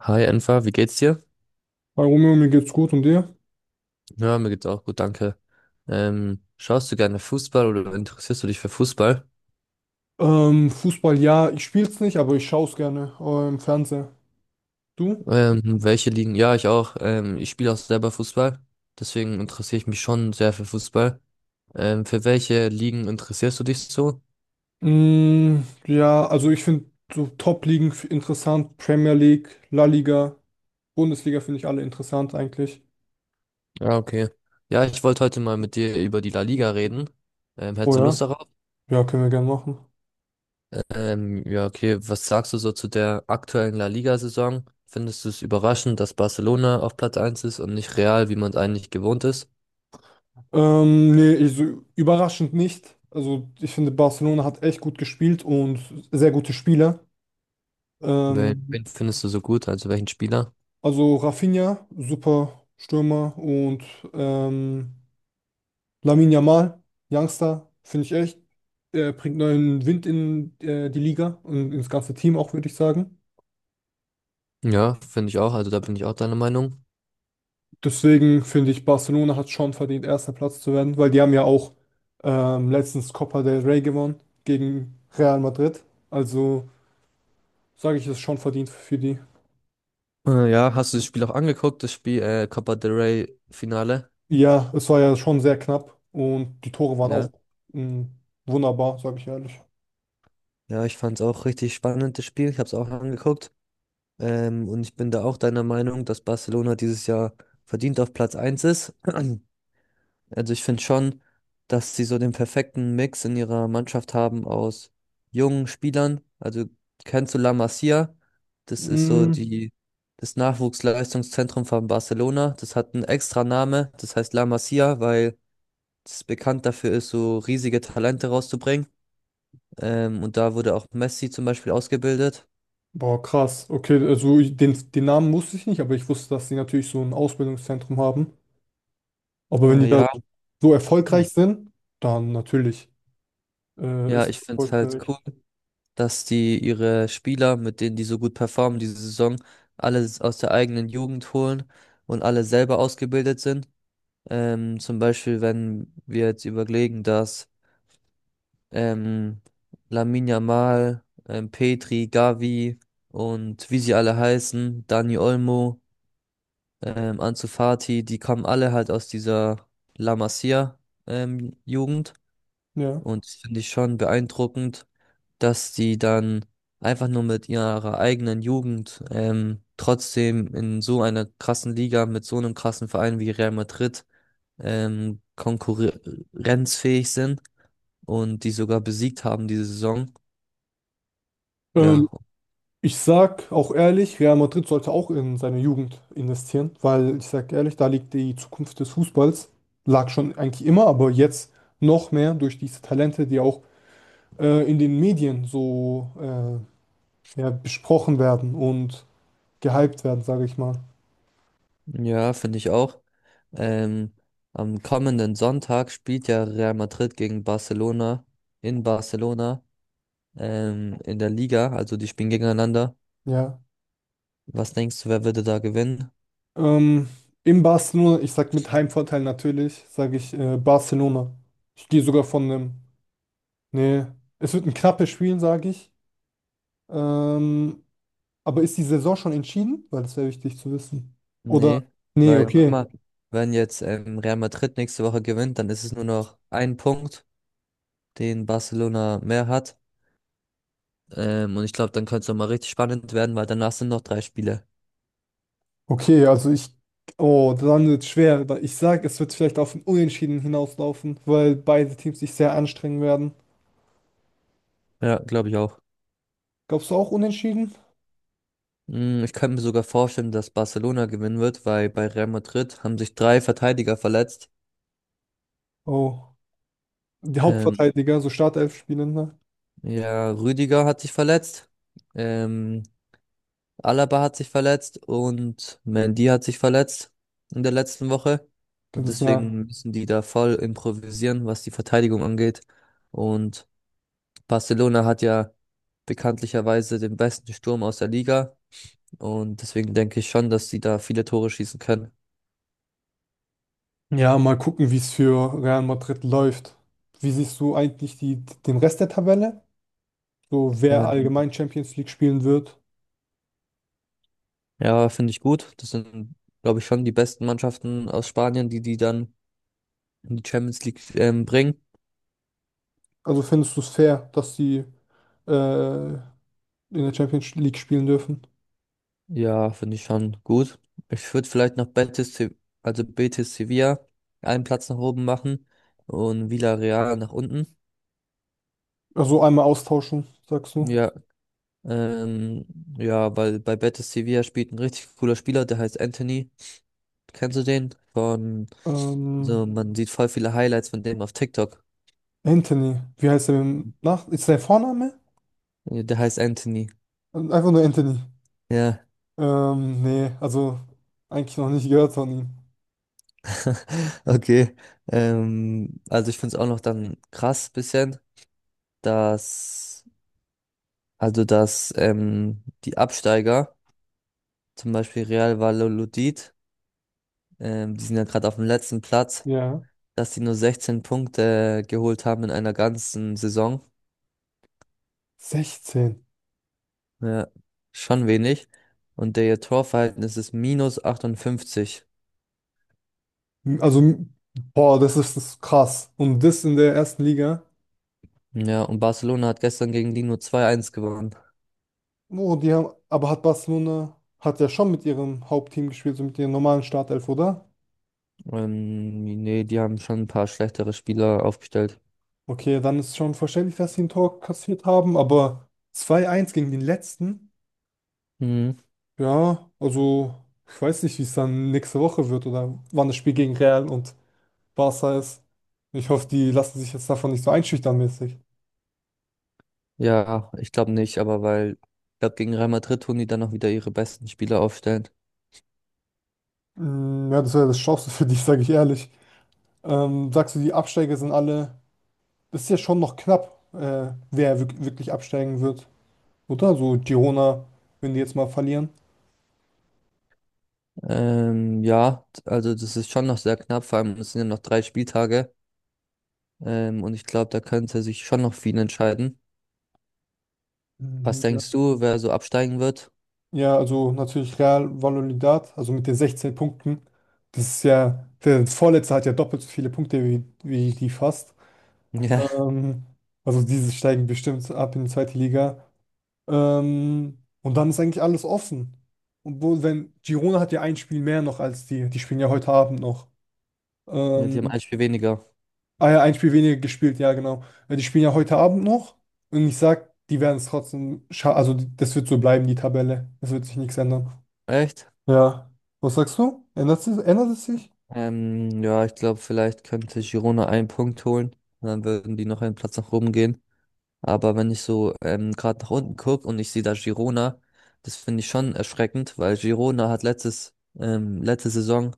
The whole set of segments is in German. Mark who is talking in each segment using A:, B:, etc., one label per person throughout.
A: Hi Enfa, wie geht's dir?
B: Hi Romeo, mir geht's gut und dir?
A: Ja, mir geht's auch gut, danke. Schaust du gerne Fußball oder interessierst du dich für Fußball?
B: Fußball, ja, ich spiel's nicht, aber ich schaue es gerne im Fernseher. Du?
A: Welche Ligen? Ja, ich auch. Ich spiele auch selber Fußball, deswegen interessiere ich mich schon sehr für Fußball. Für welche Ligen interessierst du dich so?
B: Mm, ja, also ich finde so interessant, Premier League, La Liga, Bundesliga finde ich alle interessant eigentlich.
A: Ja, okay. Ja, ich wollte heute mal mit dir über die La Liga reden.
B: Oh
A: Hättest du Lust
B: ja?
A: darauf?
B: Ja, können wir gerne machen.
A: Ja, okay. Was sagst du so zu der aktuellen La Liga-Saison? Findest du es überraschend, dass Barcelona auf Platz eins ist und nicht Real, wie man es eigentlich gewohnt ist?
B: Nee, ich, so, überraschend nicht. Also ich finde, Barcelona hat echt gut gespielt und sehr gute Spieler.
A: Wen,
B: Ähm,
A: wen findest du so gut? Also welchen Spieler?
B: also Rafinha, super Stürmer und ähm, Lamine Yamal, Youngster, finde ich echt. Er bringt neuen Wind in die Liga und ins ganze Team auch, würde ich sagen.
A: Ja, finde ich auch. Also da bin ich auch deiner Meinung.
B: Deswegen finde ich, Barcelona hat schon verdient, erster Platz zu werden, weil die haben ja auch letztens Copa del Rey gewonnen gegen Real Madrid. Also sage ich, es ist schon verdient für die.
A: Ja, hast du das Spiel auch angeguckt, das Spiel Copa del Rey Finale?
B: Ja, es war ja schon sehr knapp und die Tore waren auch
A: Ja.
B: mm, wunderbar, sage ich ehrlich.
A: Ja, ich fand es auch richtig spannend, das Spiel. Ich habe es auch angeguckt. Und ich bin da auch deiner Meinung, dass Barcelona dieses Jahr verdient auf Platz eins ist. Also ich finde schon, dass sie so den perfekten Mix in ihrer Mannschaft haben aus jungen Spielern. Also kennst du La Masia? Das ist so
B: Mm,
A: die, das Nachwuchsleistungszentrum von Barcelona. Das hat einen extra Name, das heißt La Masia, weil es bekannt dafür ist, so riesige Talente rauszubringen. Und da wurde auch Messi zum Beispiel ausgebildet.
B: boah, krass. Okay, den, den Namen wusste ich nicht, aber ich wusste, dass sie natürlich so ein Ausbildungszentrum haben. Aber wenn die
A: Äh,
B: da
A: ja,
B: so
A: Hm.
B: erfolgreich sind, dann natürlich
A: Ja,
B: ist es
A: Ich finde es halt
B: erfolgreich.
A: cool, dass die ihre Spieler, mit denen die so gut performen diese Saison, alle aus der eigenen Jugend holen und alle selber ausgebildet sind. Zum Beispiel, wenn wir jetzt überlegen, dass ähm, Lamine Yamal, Petri, Gavi und wie sie alle heißen, Dani Olmo, Ansu Fati, die kommen alle halt aus dieser La Masia Jugend.
B: Ja.
A: Und das finde ich schon beeindruckend, dass die dann einfach nur mit ihrer eigenen Jugend trotzdem in so einer krassen Liga mit so einem krassen Verein wie Real Madrid konkurrenzfähig sind und die sogar besiegt haben diese Saison.
B: Ähm,
A: Ja,
B: Ich sag auch ehrlich, Real Madrid sollte auch in seine Jugend investieren, weil ich sag ehrlich, da liegt die Zukunft des Fußballs. Lag schon eigentlich immer, aber jetzt noch mehr durch diese Talente, die auch in den Medien so ja, besprochen werden und gehypt werden, sage ich mal.
A: ja, finde ich auch. Ähm, Am kommenden Sonntag spielt ja Real Madrid gegen Barcelona in Barcelona in der Liga, also die spielen gegeneinander.
B: Ja.
A: Was denkst du, wer würde da gewinnen?
B: Ähm, in Barcelona, ich sag mit Heimvorteil natürlich, sage ich Barcelona. Ich gehe sogar von einem. Nee, es wird ein knappes Spiel, sage ich. Ähm, aber ist die Saison schon entschieden? Weil das wäre wichtig zu wissen. Oder?
A: Nee,
B: Nee,
A: weil guck
B: okay.
A: mal, wenn jetzt Real Madrid nächste Woche gewinnt, dann ist es nur noch ein Punkt, den Barcelona mehr hat. Und ich glaube, dann könnte es nochmal richtig spannend werden, weil danach sind noch drei Spiele.
B: Okay, also ich. Oh, dann wird es schwer. Weil ich sag, es wird vielleicht auf ein Unentschieden hinauslaufen, weil beide Teams sich sehr anstrengen werden.
A: Ja, glaube ich auch.
B: Glaubst du auch Unentschieden?
A: Mm, ich könnte mir sogar vorstellen, dass Barcelona gewinnen wird, weil bei Real Madrid haben sich drei Verteidiger verletzt.
B: Oh. Die
A: Ähm,
B: Hauptverteidiger, so Startelf spielen, ne?
A: ja, Rüdiger hat sich verletzt. Ähm, Alaba hat sich verletzt und Mendy hat sich verletzt in der letzten Woche. Und
B: Könnte es ja.
A: deswegen müssen die da voll improvisieren, was die Verteidigung angeht. Und Barcelona hat ja bekanntlicherweise den besten Sturm aus der Liga. Und deswegen denke ich schon, dass sie da viele Tore schießen können.
B: Ja, mal gucken, wie es für Real Madrid läuft. Wie siehst du eigentlich den Rest der Tabelle? So, wer
A: Äh,
B: allgemein Champions League spielen wird?
A: ja, finde ich gut. Das sind, glaube ich, schon die besten Mannschaften aus Spanien, die die dann in die Champions League bringen.
B: Also findest du es fair, dass sie in der Champions League spielen dürfen?
A: Ja, finde ich schon gut. Ich würde vielleicht noch Betis, also Betis Sevilla einen Platz nach oben machen und Villarreal nach unten.
B: Also einmal austauschen, sagst du.
A: Ja, ähm, ja, weil bei Betis Sevilla spielt ein richtig cooler Spieler, der heißt Anthony. Kennst du den? Von, so,
B: Ähm,
A: man sieht voll viele Highlights von dem auf TikTok.
B: Anthony, wie heißt er mit Nach? Ist sein Vorname?
A: Der heißt Anthony.
B: Einfach nur Anthony.
A: Ja,
B: Nee, also eigentlich noch nicht gehört von ihm.
A: okay. Also ich finde es auch noch dann krass bisschen, dass, also dass die Absteiger zum Beispiel Real Valladolid, die sind ja gerade auf dem letzten Platz,
B: Ja.
A: dass die nur 16 Punkte geholt haben in einer ganzen Saison.
B: 16.
A: Ja, schon wenig. Und der ihr Torverhältnis ist minus 58.
B: Also, das ist krass. Und das in der ersten Liga.
A: Ja, und Barcelona hat gestern gegen die nur 2-1 gewonnen.
B: Oh, die haben, aber hat Barcelona, hat ja schon mit ihrem Hauptteam gespielt, so mit ihrem normalen Startelf, oder?
A: Nee, die haben schon ein paar schlechtere Spieler aufgestellt.
B: Okay, dann ist schon verständlich, dass sie ein Tor kassiert haben, aber 2-1 gegen den letzten?
A: Mhm.
B: Ja, also, ich weiß nicht, wie es dann nächste Woche wird oder wann das Spiel gegen Real und Barca ist. Ich hoffe, die lassen sich jetzt davon nicht so einschüchtern mäßig.
A: Ja, ich glaube nicht, aber weil, ich glaube, gegen Real Madrid tun die dann noch wieder ihre besten Spieler aufstellen.
B: Mm, ja, das wäre das Schlimmste für dich, sage ich ehrlich. Sagst du, die Absteiger sind alle. Das ist ja schon noch knapp, wirklich absteigen wird, oder? So Girona, wenn die jetzt mal verlieren.
A: Ja, also das ist schon noch sehr knapp, vor allem es sind ja noch drei Spieltage. Und ich glaube, da könnte sich schon noch viel entscheiden. Was
B: Mhm, ja.
A: denkst du, wer so absteigen wird?
B: Ja, also natürlich Real Valladolid, also mit den 16 Punkten. Das ist ja, der Vorletzte hat ja doppelt so viele Punkte wie die fast.
A: Ja,
B: Ähm, also diese steigen bestimmt ab in die zweite Liga. Und dann ist eigentlich alles offen. Und wo, wenn Girona hat ja ein Spiel mehr noch als die, die spielen ja heute Abend noch.
A: ja, die haben
B: Ähm,
A: ein Spiel weniger.
B: Ah ja, ein Spiel weniger gespielt, ja, genau. Weil die spielen ja heute Abend noch und ich sag, die werden es trotzdem scha- Also, das wird so bleiben, die Tabelle. Es wird sich nichts ändern.
A: Echt?
B: Ja. Was sagst du? Ändert es sich?
A: Ja, ich glaube, vielleicht könnte Girona einen Punkt holen. Und dann würden die noch einen Platz nach oben gehen. Aber wenn ich so gerade nach unten gucke und ich sehe da Girona, das finde ich schon erschreckend, weil Girona hat letzte Saison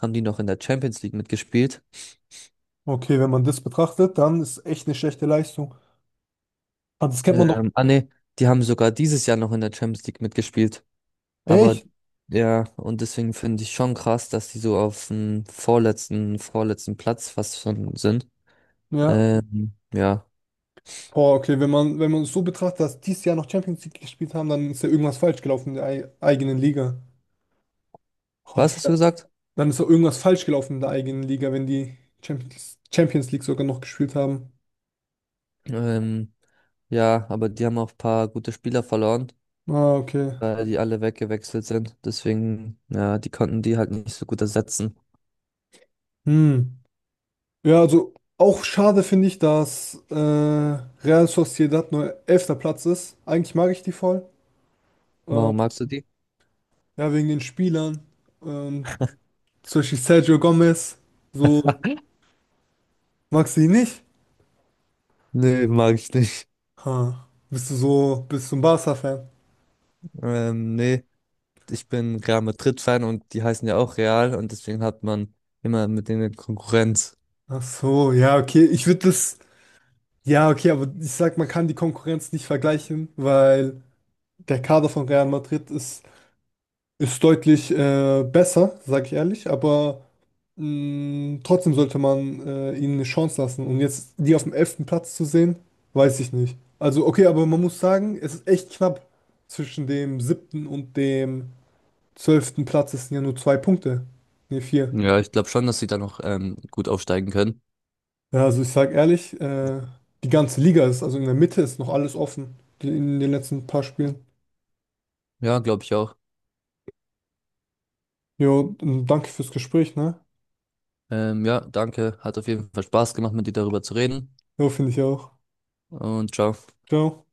A: haben die noch in der Champions League mitgespielt.
B: Okay, wenn man das betrachtet, dann ist echt eine schlechte Leistung. Ah, das kennt man doch.
A: Ähm, ah ne, Die haben sogar dieses Jahr noch in der Champions League mitgespielt. Aber
B: Echt?
A: ja, und deswegen finde ich schon krass, dass die so auf dem vorletzten Platz fast schon sind.
B: Ja.
A: Ja,
B: Boah, okay, wenn man es so betrachtet, dass dieses Jahr noch Champions League gespielt haben, dann ist ja irgendwas falsch gelaufen in der eigenen Liga. Oh,
A: was hast du
B: vielleicht
A: gesagt?
B: dann ist doch irgendwas falsch gelaufen in der eigenen Liga, wenn die Champions League sogar noch gespielt haben.
A: Ähm, ja, aber die haben auch ein paar gute Spieler verloren,
B: Ah, okay.
A: weil die alle weggewechselt sind. Deswegen, ja, die konnten die halt nicht so gut ersetzen.
B: Hm. Ja, also auch schade finde ich, dass Real Sociedad nur elfter Platz ist. Eigentlich mag ich die voll. Ähm,
A: Warum magst du die?
B: ja, wegen den Spielern. Ähm, Zum Beispiel Sergio Gomez. So, magst du ihn nicht?
A: Nee, mag ich nicht.
B: Ha. Bist du ein Barca-Fan?
A: Nee, ich bin Real Madrid-Fan und die heißen ja auch Real und deswegen hat man immer mit denen Konkurrenz.
B: Ach so, ja, okay. Ich würde das, ja, okay, aber ich sag, man kann die Konkurrenz nicht vergleichen, weil der Kader von Real Madrid ist, ist deutlich besser, sag ich ehrlich. Aber mm, trotzdem sollte man ihnen eine Chance lassen. Und jetzt die auf dem elften Platz zu sehen, weiß ich nicht. Also, okay, aber man muss sagen, es ist echt knapp. Zwischen dem siebten und dem zwölften Platz. Es sind ja nur zwei Punkte. Ne, vier.
A: Ja, ich glaube schon, dass sie da noch gut aufsteigen können.
B: Ja, also ich sag ehrlich, die ganze Liga ist, also in der Mitte ist noch alles offen. In den letzten paar Spielen.
A: Ja, glaube ich auch.
B: Jo, und danke fürs Gespräch, ne?
A: Ja, danke. Hat auf jeden Fall Spaß gemacht, mit dir darüber zu reden.
B: Jo, finde ich auch.
A: Und ciao.
B: Ciao.